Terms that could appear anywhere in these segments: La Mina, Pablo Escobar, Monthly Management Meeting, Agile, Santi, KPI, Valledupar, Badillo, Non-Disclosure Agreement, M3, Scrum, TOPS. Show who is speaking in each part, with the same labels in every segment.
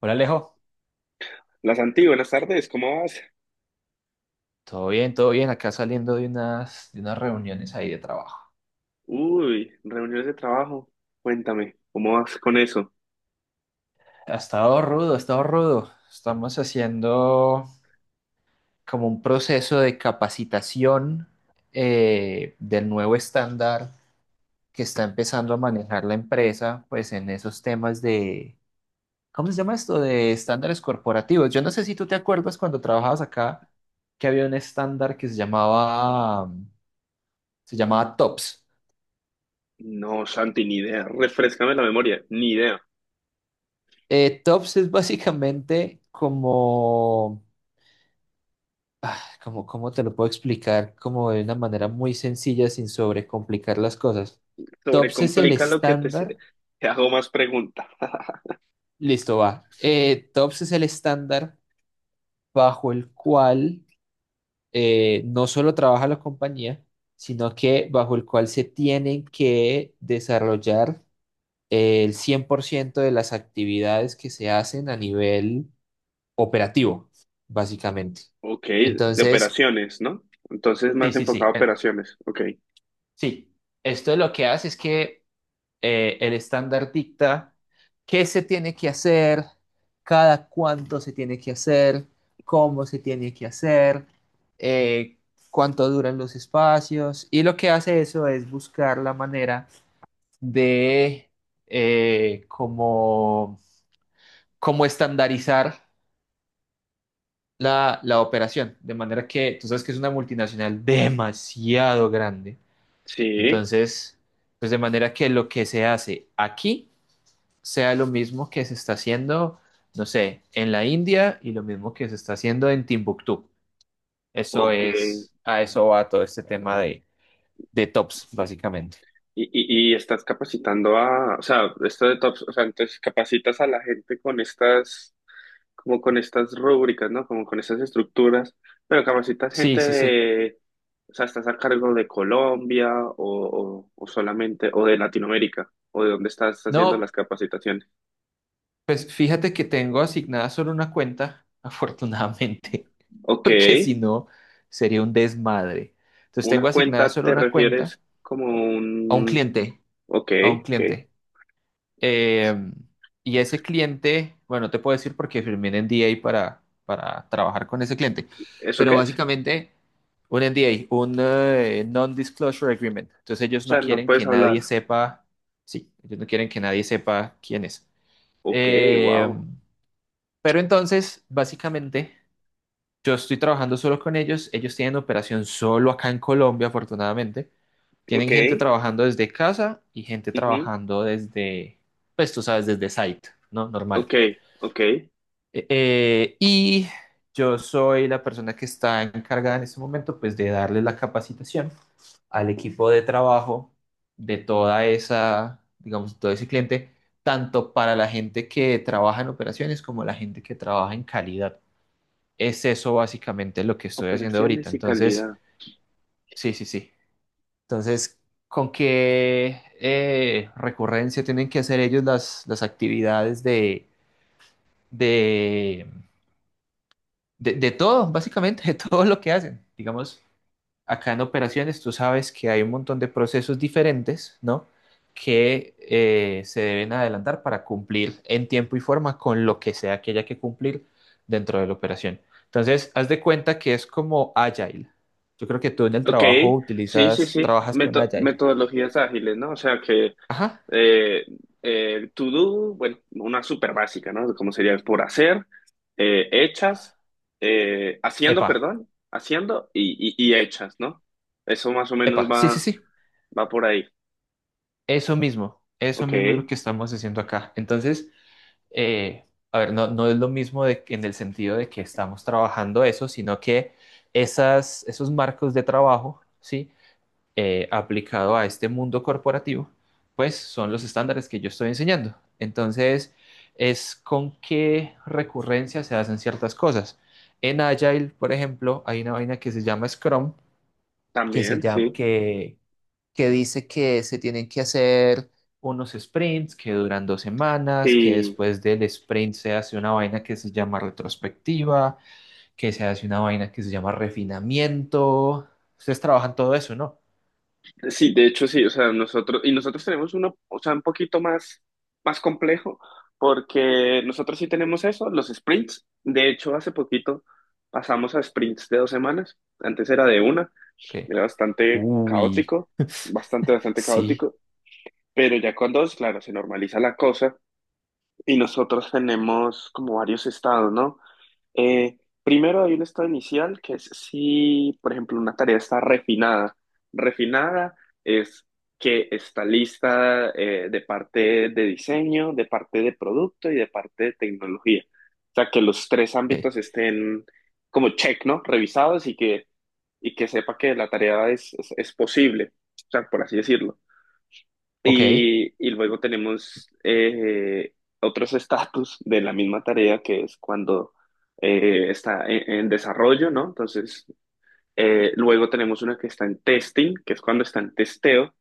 Speaker 1: Hola Alejo,
Speaker 2: La Santi, buenas tardes, ¿cómo vas?
Speaker 1: todo bien, acá saliendo de unas reuniones ahí de trabajo.
Speaker 2: Uy, reuniones de trabajo. Cuéntame, ¿cómo vas con eso?
Speaker 1: Ha estado rudo, ha estado rudo. Estamos haciendo como un proceso de capacitación del nuevo estándar que está empezando a manejar la empresa, pues en esos temas de, ¿cómo se llama esto? De estándares corporativos. Yo no sé si tú te acuerdas cuando trabajabas acá que había un estándar que se llamaba TOPS.
Speaker 2: No, Santi, ni idea. Refréscame la memoria, ni idea.
Speaker 1: Tops es básicamente como, ¿cómo te lo puedo explicar? Como de una manera muy sencilla sin sobrecomplicar las cosas. Tops es el
Speaker 2: Sobrecomplica lo que te,
Speaker 1: estándar,
Speaker 2: te hago más preguntas.
Speaker 1: listo, va. Tops es el estándar bajo el cual no solo trabaja la compañía, sino que bajo el cual se tienen que desarrollar el 100% de las actividades que se hacen a nivel operativo, básicamente.
Speaker 2: Ok, de
Speaker 1: Entonces,
Speaker 2: operaciones, ¿no? Entonces
Speaker 1: sí,
Speaker 2: más
Speaker 1: sí,
Speaker 2: enfocado
Speaker 1: sí.
Speaker 2: a operaciones. Ok.
Speaker 1: Sí. Esto lo que hace es que el estándar dicta qué se tiene que hacer, cada cuánto se tiene que hacer, cómo se tiene que hacer, eh, cuánto duran los espacios. Y lo que hace eso es buscar la manera de eh, como, como estandarizar la operación. De manera que tú sabes que es una multinacional demasiado grande.
Speaker 2: Sí,
Speaker 1: Entonces, pues de manera que lo que se hace aquí sea lo mismo que se está haciendo, no sé, en la India y lo mismo que se está haciendo en Timbuktu. Eso
Speaker 2: ok.
Speaker 1: es, a eso va todo este tema de tops, básicamente.
Speaker 2: Y, y estás capacitando a, o sea, esto de tops, o sea, entonces capacitas a la gente con estas, como con estas rúbricas, ¿no? Como con estas estructuras, pero capacitas
Speaker 1: Sí,
Speaker 2: gente
Speaker 1: sí, sí.
Speaker 2: de, o sea, estás a cargo de Colombia o solamente, o de Latinoamérica, o de dónde estás haciendo las
Speaker 1: No,
Speaker 2: capacitaciones.
Speaker 1: pues fíjate que tengo asignada solo una cuenta, afortunadamente,
Speaker 2: Ok,
Speaker 1: porque si no, sería un desmadre. Entonces
Speaker 2: una
Speaker 1: tengo asignada
Speaker 2: cuenta
Speaker 1: solo
Speaker 2: te
Speaker 1: una cuenta
Speaker 2: refieres como
Speaker 1: a un
Speaker 2: un,
Speaker 1: cliente,
Speaker 2: ok,
Speaker 1: a un
Speaker 2: ok,
Speaker 1: cliente. Eh, y ese cliente, bueno, no te puedo decir porque firmé un NDA para trabajar con ese cliente,
Speaker 2: ¿eso
Speaker 1: pero
Speaker 2: qué es?
Speaker 1: básicamente un NDA, un Non-Disclosure Agreement. Entonces
Speaker 2: O
Speaker 1: ellos no
Speaker 2: sea, no
Speaker 1: quieren
Speaker 2: puedes
Speaker 1: que
Speaker 2: hablar.
Speaker 1: nadie sepa, sí, ellos no quieren que nadie sepa quién es.
Speaker 2: Ok,
Speaker 1: Eh,
Speaker 2: wow,
Speaker 1: pero entonces, básicamente, yo estoy trabajando solo con ellos, ellos tienen operación solo acá en Colombia, afortunadamente. Tienen
Speaker 2: ok,
Speaker 1: gente trabajando desde casa y gente
Speaker 2: ujú,
Speaker 1: trabajando desde, pues tú sabes, desde site, ¿no? Normal.
Speaker 2: ok, ok,
Speaker 1: Y yo soy la persona que está encargada en este momento, pues, de darle la capacitación al equipo de trabajo de toda esa, digamos, todo ese cliente, tanto para la gente que trabaja en operaciones como la gente que trabaja en calidad. Es eso básicamente lo que estoy haciendo ahorita.
Speaker 2: operaciones y
Speaker 1: Entonces,
Speaker 2: calidad.
Speaker 1: sí, sí, sí. Entonces, ¿con qué recurrencia tienen que hacer ellos las actividades de, de todo, básicamente, de todo lo que hacen? Digamos, acá en operaciones tú sabes que hay un montón de procesos diferentes, ¿no? Que se deben adelantar para cumplir en tiempo y forma con lo que sea que haya que cumplir dentro de la operación. Entonces, haz de cuenta que es como Agile. Yo creo que tú en el
Speaker 2: Ok,
Speaker 1: trabajo
Speaker 2: sí, sí, sí,
Speaker 1: trabajas con Agile.
Speaker 2: Metodologías ágiles, ¿no? O sea que
Speaker 1: Ajá.
Speaker 2: Eh, to do, bueno, una súper básica, ¿no? Como sería por hacer, hechas, haciendo,
Speaker 1: Epa.
Speaker 2: perdón, haciendo y hechas, ¿no? Eso más o menos
Speaker 1: Epa, sí, sí,
Speaker 2: va,
Speaker 1: sí,
Speaker 2: va por ahí.
Speaker 1: eso
Speaker 2: Ok,
Speaker 1: mismo es lo que estamos haciendo acá. Entonces, eh, a ver, no, no es lo mismo en el sentido de que estamos trabajando eso, sino que esos marcos de trabajo, ¿sí? Aplicado a este mundo corporativo, pues son los estándares que yo estoy enseñando. Entonces, es con qué recurrencia se hacen ciertas cosas. En Agile, por ejemplo, hay una vaina que se llama Scrum, que se
Speaker 2: también,
Speaker 1: llama,
Speaker 2: sí.
Speaker 1: que dice que se tienen que hacer unos sprints que duran dos semanas, que
Speaker 2: Y
Speaker 1: después del sprint se hace una vaina que se llama retrospectiva, que se hace una vaina que se llama refinamiento. Ustedes trabajan todo eso, ¿no?
Speaker 2: sí, de hecho, sí, o sea, nosotros, y nosotros tenemos uno, o sea, un poquito más, más complejo, porque nosotros sí tenemos eso, los sprints. De hecho, hace poquito pasamos a sprints de 2 semanas, antes era de una.
Speaker 1: Ok.
Speaker 2: Era bastante
Speaker 1: Uy.
Speaker 2: caótico, bastante, bastante
Speaker 1: Sí.
Speaker 2: caótico, pero ya con dos, claro, se normaliza la cosa y nosotros tenemos como varios estados, ¿no? Eh, Primero hay un estado inicial que es si, por ejemplo, una tarea está refinada. Refinada es que está lista, de parte de diseño, de parte de producto y de parte de tecnología. O sea, que los tres
Speaker 1: Ok.
Speaker 2: ámbitos estén como check, ¿no? Revisados, y que sepa que la tarea es posible, o sea, por así decirlo.
Speaker 1: Ok. ¿Y,
Speaker 2: Y luego tenemos, otros estatus de la misma tarea, que es cuando, está en desarrollo, ¿no? Entonces, luego tenemos una que está en testing, que es cuando está en testeo.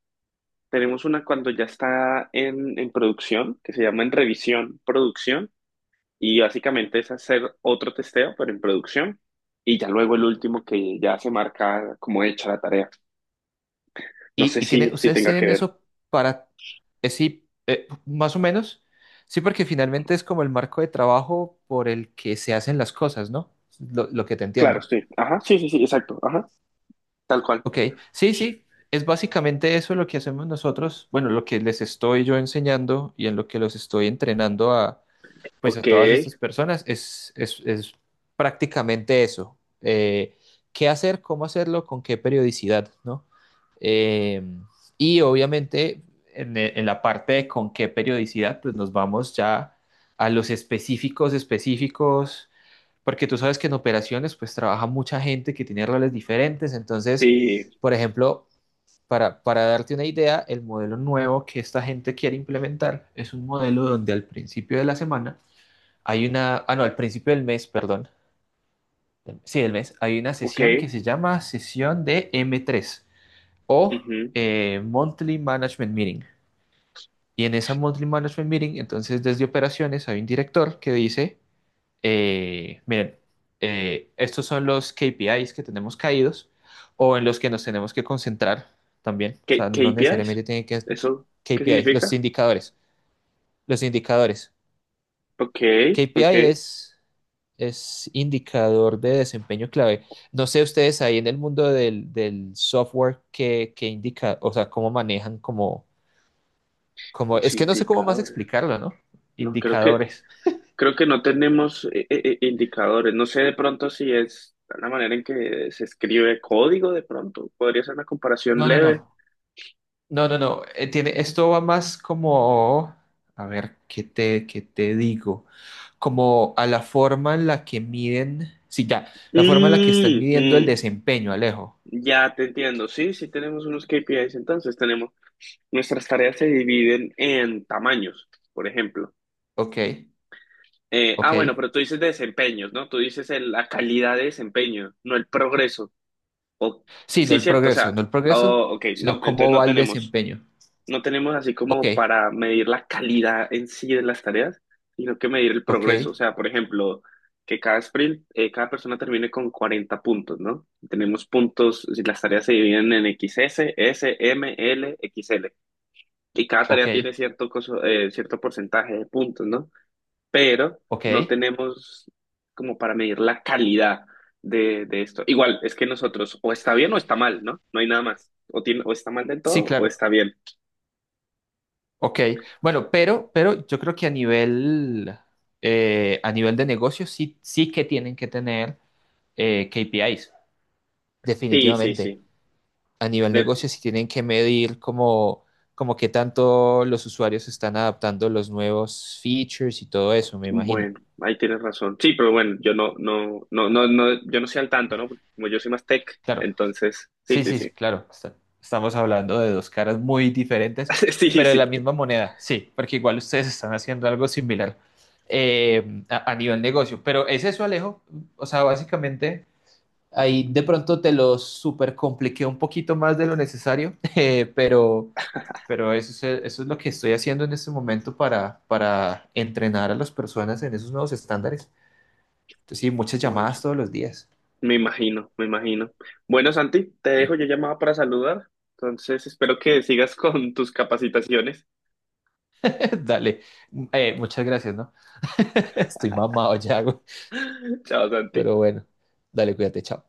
Speaker 2: Tenemos una cuando ya está en producción, que se llama en revisión, producción. Y básicamente es hacer otro testeo, pero en producción. Y ya luego el último que ya se marca como hecha la tarea. No sé
Speaker 1: y
Speaker 2: si, si
Speaker 1: ustedes
Speaker 2: tenga que
Speaker 1: tienen
Speaker 2: ver.
Speaker 1: eso para... sí, más o menos. Sí, porque finalmente es como el marco de trabajo por el que se hacen las cosas, ¿no? Lo que te
Speaker 2: Claro,
Speaker 1: entiendo.
Speaker 2: sí. Ajá, sí, sí, sí, exacto. Ajá, tal cual.
Speaker 1: Ok, sí, sí, es básicamente eso lo que hacemos nosotros, bueno, lo que les estoy yo enseñando y en lo que los estoy entrenando pues a
Speaker 2: Ok,
Speaker 1: todas estas personas es prácticamente eso. Qué hacer, cómo hacerlo, con qué periodicidad, ¿no? Eh, y obviamente en la parte de con qué periodicidad, pues nos vamos ya a los específicos específicos porque tú sabes que en operaciones pues trabaja mucha gente que tiene roles diferentes, entonces,
Speaker 2: sí,
Speaker 1: por ejemplo, para darte una idea, el modelo nuevo que esta gente quiere implementar es un modelo donde al principio de la semana hay una, ah no, al principio del mes, perdón, sí, del mes, hay una
Speaker 2: ok.
Speaker 1: sesión que se llama sesión de M3 o
Speaker 2: Ujú.
Speaker 1: Monthly Management Meeting. Y en esa Monthly Management Meeting, entonces desde operaciones hay un director que dice, miren, estos son los KPIs que tenemos caídos o en los que nos tenemos que concentrar también. O
Speaker 2: ¿Qué,
Speaker 1: sea, no
Speaker 2: qué KPIs?
Speaker 1: necesariamente tienen que
Speaker 2: ¿Eso qué
Speaker 1: KPIs, los
Speaker 2: significa?
Speaker 1: indicadores. Los indicadores.
Speaker 2: Ok,
Speaker 1: KPI
Speaker 2: ok.
Speaker 1: es indicador de desempeño clave. No sé ustedes ahí en el mundo del software que, indica, o sea, cómo manejan como,
Speaker 2: Los
Speaker 1: es que no sé cómo más
Speaker 2: indicadores.
Speaker 1: explicarlo, ¿no?
Speaker 2: No, creo que,
Speaker 1: Indicadores.
Speaker 2: creo que no tenemos, indicadores. No sé de pronto si es la manera en que se escribe código, de pronto. Podría ser una comparación
Speaker 1: No, no,
Speaker 2: leve.
Speaker 1: no. No, no, no. Esto va más como, a ver, ¿qué te digo? Como a la forma en la que miden, sí, ya, la forma en la que están
Speaker 2: Mm,
Speaker 1: midiendo el
Speaker 2: mm,
Speaker 1: desempeño, Alejo.
Speaker 2: ya te entiendo. Sí, sí tenemos unos KPIs, entonces tenemos, nuestras tareas se dividen en tamaños, por ejemplo.
Speaker 1: Ok,
Speaker 2: Ah, bueno,
Speaker 1: ok.
Speaker 2: pero tú dices de desempeños, ¿no? Tú dices la calidad de desempeño, no el progreso. O,
Speaker 1: Sí, no
Speaker 2: sí,
Speaker 1: el
Speaker 2: cierto, o
Speaker 1: progreso,
Speaker 2: sea,
Speaker 1: no el progreso,
Speaker 2: oh, ok, no,
Speaker 1: sino
Speaker 2: entonces
Speaker 1: cómo
Speaker 2: no
Speaker 1: va el
Speaker 2: tenemos,
Speaker 1: desempeño.
Speaker 2: no tenemos así
Speaker 1: Ok,
Speaker 2: como para medir la calidad en sí de las tareas, sino que medir el
Speaker 1: ok,
Speaker 2: progreso. O sea, por ejemplo, que cada sprint, cada persona termine con 40 puntos, ¿no? Tenemos puntos, si las tareas se dividen en XS, S, M, L, XL. Y cada tarea tiene
Speaker 1: ok,
Speaker 2: cierto porcentaje de puntos, ¿no? Pero no
Speaker 1: ok.
Speaker 2: tenemos como para medir la calidad de esto. Igual, es que nosotros o está bien o está mal, ¿no? No hay nada más. O está mal del
Speaker 1: Sí,
Speaker 2: todo o
Speaker 1: claro,
Speaker 2: está bien.
Speaker 1: ok. Bueno, pero yo creo que a nivel de negocio sí, sí que tienen que tener KPIs,
Speaker 2: Sí, sí,
Speaker 1: definitivamente.
Speaker 2: sí.
Speaker 1: A nivel
Speaker 2: De-
Speaker 1: negocio si tienen que medir como qué tanto los usuarios están adaptando los nuevos features y todo eso, me imagino.
Speaker 2: bueno, ahí tienes razón. Sí, pero bueno, yo no soy al tanto, ¿no? Porque como yo soy más tech,
Speaker 1: Claro,
Speaker 2: entonces, sí,
Speaker 1: sí,
Speaker 2: sí,
Speaker 1: sí,
Speaker 2: sí.
Speaker 1: sí, claro. Estamos hablando de dos caras muy diferentes,
Speaker 2: Sí,
Speaker 1: pero de
Speaker 2: sí.
Speaker 1: la misma moneda, sí, porque igual ustedes están haciendo algo similar a nivel negocio. Pero es eso, Alejo. O sea, básicamente ahí de pronto te lo super compliqué un poquito más de lo necesario, pero eso es lo que estoy haciendo en este momento para entrenar a las personas en esos nuevos estándares. Entonces, sí, muchas llamadas
Speaker 2: Bueno,
Speaker 1: todos los días.
Speaker 2: me imagino, me imagino. Bueno, Santi, te dejo,
Speaker 1: Sí.
Speaker 2: yo llamaba para saludar. Entonces, espero que sigas con tus capacitaciones.
Speaker 1: Dale, muchas gracias, ¿no? Estoy mamado ya, güey.
Speaker 2: Chao, Santi.
Speaker 1: Pero bueno, dale, cuídate, chao.